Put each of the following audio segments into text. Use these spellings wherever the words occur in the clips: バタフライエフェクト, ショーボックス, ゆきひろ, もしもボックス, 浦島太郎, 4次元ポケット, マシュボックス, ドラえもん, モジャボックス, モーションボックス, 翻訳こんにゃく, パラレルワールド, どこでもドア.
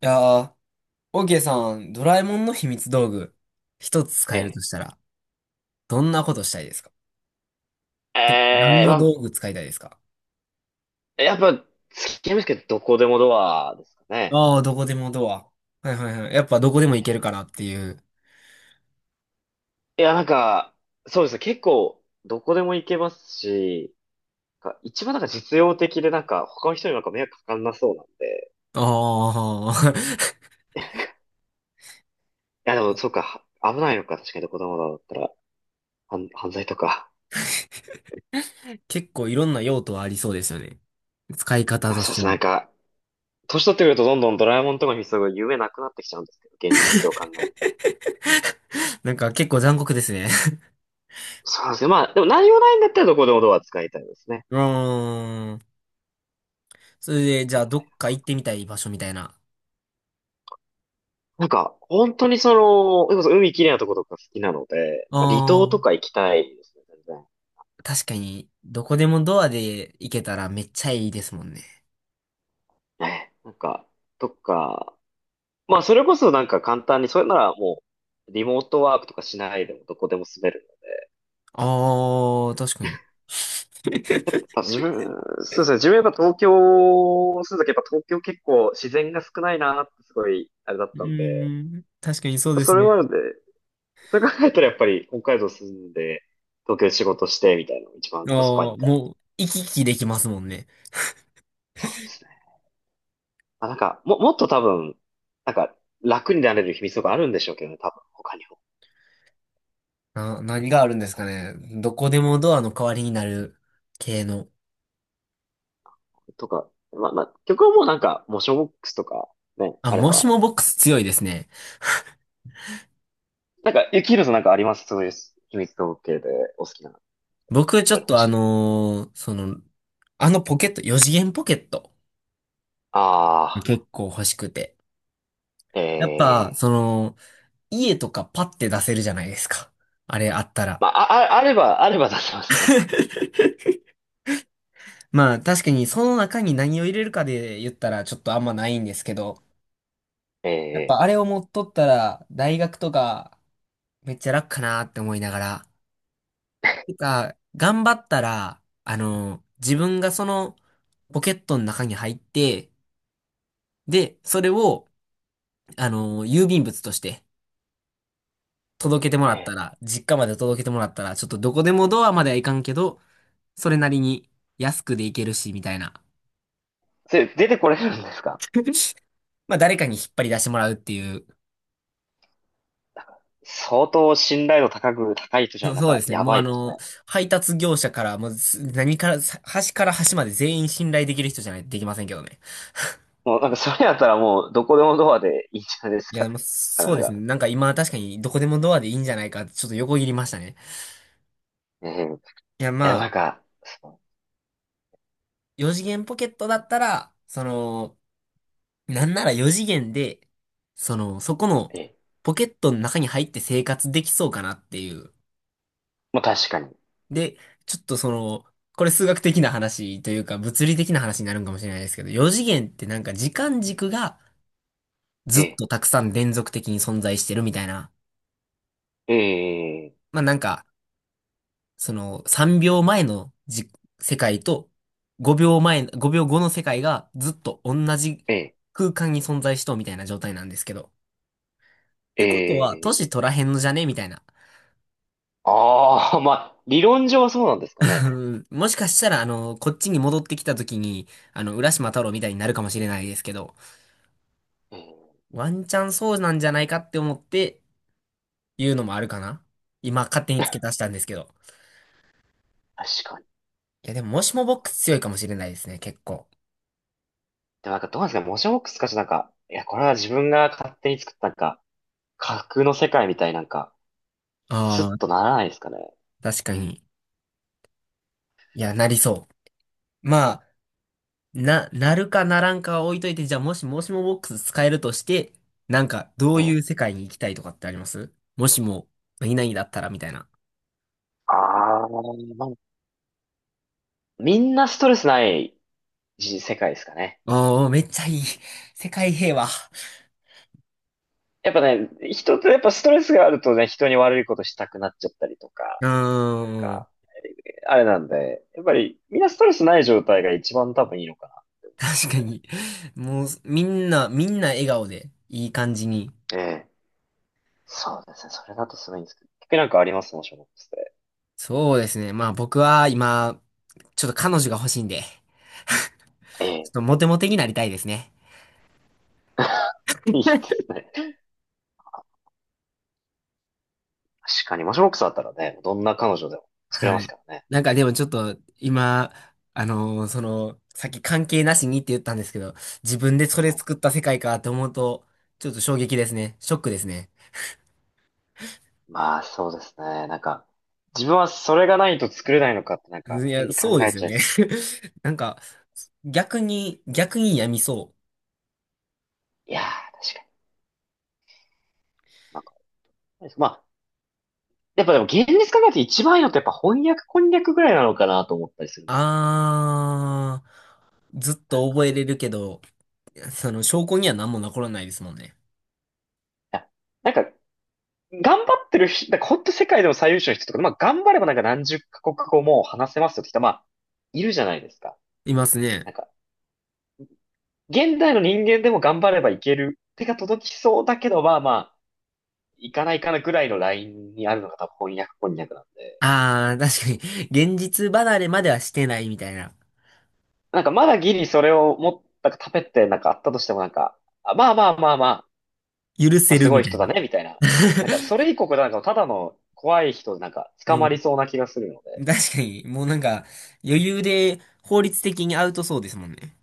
いやー、オーケーさん、ドラえもんの秘密道具、一つえ使えるとえ。したら、どんなことしたいですか？て何ええ、のま道具使いたいですか？あ、やっぱ、付き合いますけど、どこでもドアですかね。ああー、どこでもドア。はいはいはい。やっぱどこでも行けるかなっていう。いや、なんか、そうですね。結構、どこでも行けますし、一番実用的で、他の人に迷惑かかんなそうなんで。ああ、いや、でも、そう か、は危ないのか、確かにどこでもドアだったら、犯罪とか。結構いろんな用途はありそうですよね。使い方あ、とそしうでてすね。は。年取ってくるとどんどんドラえもんとかに必要夢なくなってきちゃうんですけど、現実を考える なんか結構残酷ですね。と。そうなんですけまあ、でも何もないんだったらどこでもドア使いたいですね。うーん。それで、じゃあどっか行ってみたい場所みたいな。本当にその、それこそ海きれいなとことか好きなので、離島ああ、とか行きたいですね、全確かに、どこでもドアで行けたらめっちゃいいですもんね。然。え、なんか、とか、まあ、それこそ簡単に、それならもう、リモートワークとかしないでもどこでも住める。ああ、確かに。た だ自分、そうですね、自分やっぱ東京住んだけど、やっぱ東京結構自然が少ないなってすごい、あれだっうたんで、やーん、確かにそっうぱでそすれね。もあるんで、それ考えたらやっぱり北海道住んで、東京で仕事してみたいなのが一番ああ、コスパいいから。もう、行き来できますもんね。そうですね。もっと多分、なんか、楽になれる秘密とかあるんでしょうけどね、多分、他にも。何があるんですかね。どこでもドアの代わりになる系の。とか、まあ、まあ、曲はもうモーションボックスとか、ね、あ、あれもしば。もボックス強いですね。なんか、ゆきひろさんなんかありますそういう秘密統計でお好きな、こ僕、ちょういうっの欲としい。あのポケット、4次元ポケット、あ結構欲しくて。やっぱ、あ、ええその、家とかパッて出せるじゃないですか。あれあったら。まあ、あ、ああれば、あれば出せますね。まあ、確かにその中に何を入れるかで言ったらちょっとあんまないんですけど、やっえぱえあれを持っとったら、大学とか、めっちゃ楽かなって思いながら。てか、頑張ったら、あの、自分がその、ポケットの中に入って、で、それを、あの、郵便物として、届けてもらえったえら、実家まで届けてもらったら、ちょっとどこでもドアまではいかんけど、それなりに安くでいけるし、みたいな。それ出てこれるんですか？ まあ、誰かに引っ張り出してもらうっていう信頼度高い人じゃそ なんそうか、ですね。やもうばあいですの、ね。配達業者から、もうす何から、さ端から端まで全員信頼できる人じゃないとできませんけどね。もうなんか、それやったらもう、どこでもドアでいいんじゃないですいかや、ね。まあ、なかそうなですね。か。なんか今確かにどこでもドアでいいんじゃないかってちょっと横切りましたね。ええいいや、や、まなんあ、か、そう、4次元ポケットだったら、その、なんなら4次元で、その、そこのええ、ポケットの中に入って生活できそうかなっていう。まあ確かに。で、ちょっとその、これ数学的な話というか物理的な話になるんかもしれないですけど、4次元ってなんか時間軸が、えずっえ、とたくさん連続的に存在してるみたいな。ええ、まあなんか、その3秒前の世界と5秒前、5秒後の世界がずっと同じええ、空間に存在しとうみたいな状態なんですけど。っえてことは、年え、取らへんのじゃねみたいな。ああ、まあ、理論上はそうなんですかね。もしかしたら、あの、こっちに戻ってきた時に、あの、浦島太郎みたいになるかもしれないですけど、うワンチャンそうなんじゃないかって思って言うのもあるかな今勝手に付ん、け足したんですけど。確かに。いや、でも、もしもボックス強いかもしれないですね、結構。でもなんかどうなんですかね、モジャボックスかしなんか、いや、これは自分が勝手に作った架空の世界みたいなんか、スあッあ、とならないですかね。確かに。いや、なりそう。まあ、なるかならんかは置いといて、じゃあもしもボックス使えるとして、なんか、どえういえ。う世界に行きたいとかってありますもしも、何々だったらみたいな。ああ、まあ、みんなストレスないじ世界ですかね。ああ、めっちゃいい。世界平和。やっぱね、人ってやっぱストレスがあるとね、人に悪いことしたくなっちゃったりとか、うーなんん。か、あれなんで、やっぱりみんなストレスない状態が一番多分いいのか確かに。もう、みんな、みんな笑顔で、いい感じに。な。ええ。そうですね。それだとすごいんですけど。結局なんかありますもショーボックスで。そうですね。まあ僕は今、ちょっと彼女が欲しいんで、ちょっええ。とモテモテになりたいですね。いいですね。確かに、マシュボックスだったらね、どんな彼女でも作れまはすい。からね。なんかでもちょっと今、さっき関係なしにって言ったんですけど、自分でそれうん、作った世界かって思うと、ちょっと衝撃ですね。ショックですね。まあ、そうですね。自分はそれがないと作れないのかってなんかうんい変や、に考そうでえすよちゃいね。そうで。なんか、逆にやみそう。いやー、確かに。なんか、まあ、やっぱでも現実考えて一番いいのってやっぱ翻訳こんにゃくぐらいなのかなと思ったりするんです。あー、ずっなんと覚えか、れるけど、その証拠には何も残らないですもんね。いや、なんか頑張ってる人、だからほんと世界でも最優秀の人とか、まあ頑張れば何十カ国語も話せますよって人、まあ、いるじゃないですか。いますね。なんか、現代の人間でも頑張ればいける。手が届きそうだけど、いかないかなぐらいのラインにあるのが多分翻訳こんにゃくなんで。あー、確かに、現実離れまではしてないみたいな。まだギリそれをもっ、なんか食べてなんかあったとしてもなんか、あまあまあまあまあ、許まあせするごみいたい人だな。ね、みたいな。なんかそ れ以降なんかただの怖い人でなんか捕まりそうな気がするので。確かに、もうなんか、余裕で法律的にアウトそうですもんね。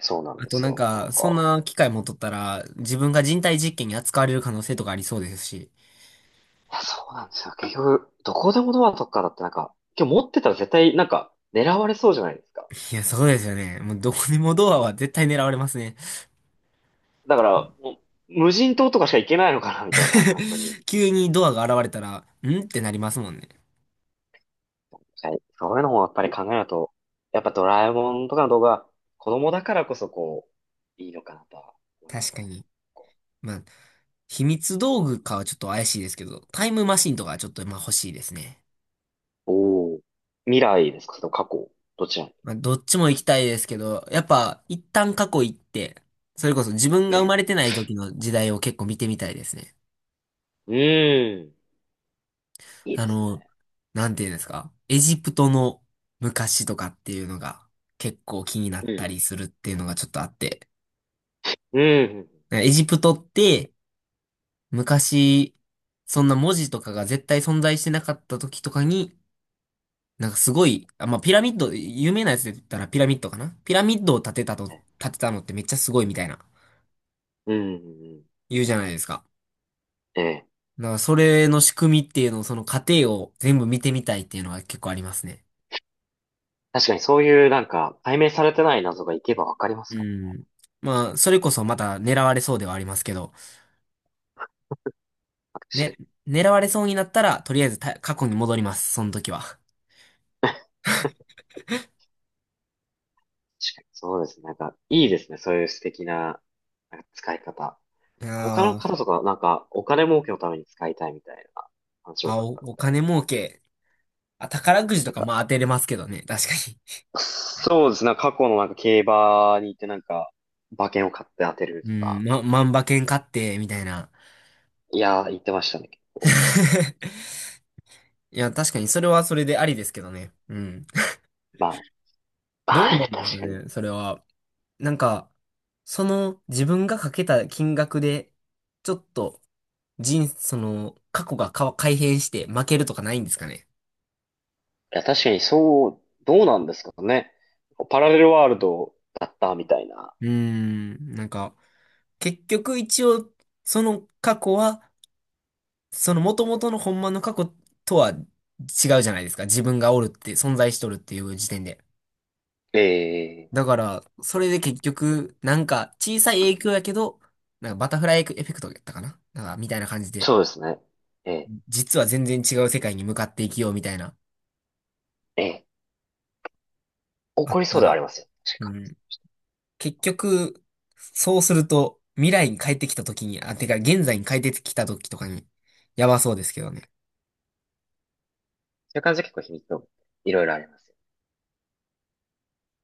そうなんあでとすなんよ。なか、んそんか。な機会持っとったら、自分が人体実験に扱われる可能性とかありそうですし。いや、そうなんですよ。結局、どこでもドアとかだってなんか、今日持ってたら絶対なんか狙われそうじゃないですか。いや、そうですよね。もうどこにもドアは絶対狙われますね。だから、もう無人島とかしか行けないのかな、みたいな、本当に。急にドアが現れたら、んってなりますもんね。はい。そういうのもやっぱり考えると、やっぱドラえもんとかの動画、子供だからこそこう、いいのかなとは思いま確すね、か子供に。こまあ、秘密道具かはちょっと怪しいですけど、タイムマシンとかはちょっとまあ欲しいですね。うおお。未来ですか、それとも過去どちら？まあ、どっちも行きたいですけど、やっぱ一旦過去行って、それこそ自分えが生え。まれてない時の時代を結構見てみたいですね。うーん。いいあですの、ね。なんていうんですか、エジプトの昔とかっていうのが結構気になっうたん。りするっていうのがちょっとあって。うん。エジプトって昔、そんな文字とかが絶対存在してなかった時とかに、なんかすごい、あ、まあ、ピラミッド、有名なやつで言ったらピラミッドかなピラミッドを建てたと、建てたのってめっちゃすごいみたいな、うん。うん。うん。言うじゃないですか。ええ。だからそれの仕組みっていうのを、その過程を全部見てみたいっていうのが結構ありますね。確かにそういうなんか解明されてない謎がいけばわかりますうから。ん。まあ、それこそまた狙われそうではありますけど、確かね、に、狙われそうになったら、とりあえず過去に戻ります、その時は。確かに。そうですね。なんかいいですね。そういう素敵な、なんか使い方。他のあ方ー、とかなんかお金儲けのために使いたいみたいな話多かったのお金で。儲け。あ、宝くじなとんかか、まあ当てれますけどね、確かそうですね。なんか過去のなんか競馬に行ってなんか馬券を買って当てるに。とうん、か。ま、万馬券買って、みたいな。いやー、言ってましたね、結構。いや、確かにそれはそれでありですけどね。うん。まあ、どはうない、んです確かかに。いね、それは。なんか、その自分がかけた金額で、ちょっと人、その、過去が改変して負けるとかないんですかね。や、確かにそう、どうなんですかね。パラレルワールドだったみたいな。うーん、なんか、結局一応、その過去は、その元々のほんまの過去とは違うじゃないですか。自分がおるって、存在しとるっていう時点で。ええ、だから、それで結局、なんか小さい影響やけど、なんかバタフライエフェクトやったかななんか、みたいな感じで、そうですね。ええ、実は全然違う世界に向かっていきようみたいな。ええ。あ怒っりそたうではあら。りますよ。確うかに。ん。結局、そうすると、未来に帰ってきた時に、あ、てか現在に帰ってきた時とかに、やばそうですけどね。そういう感じで結構秘密をいろいろあります。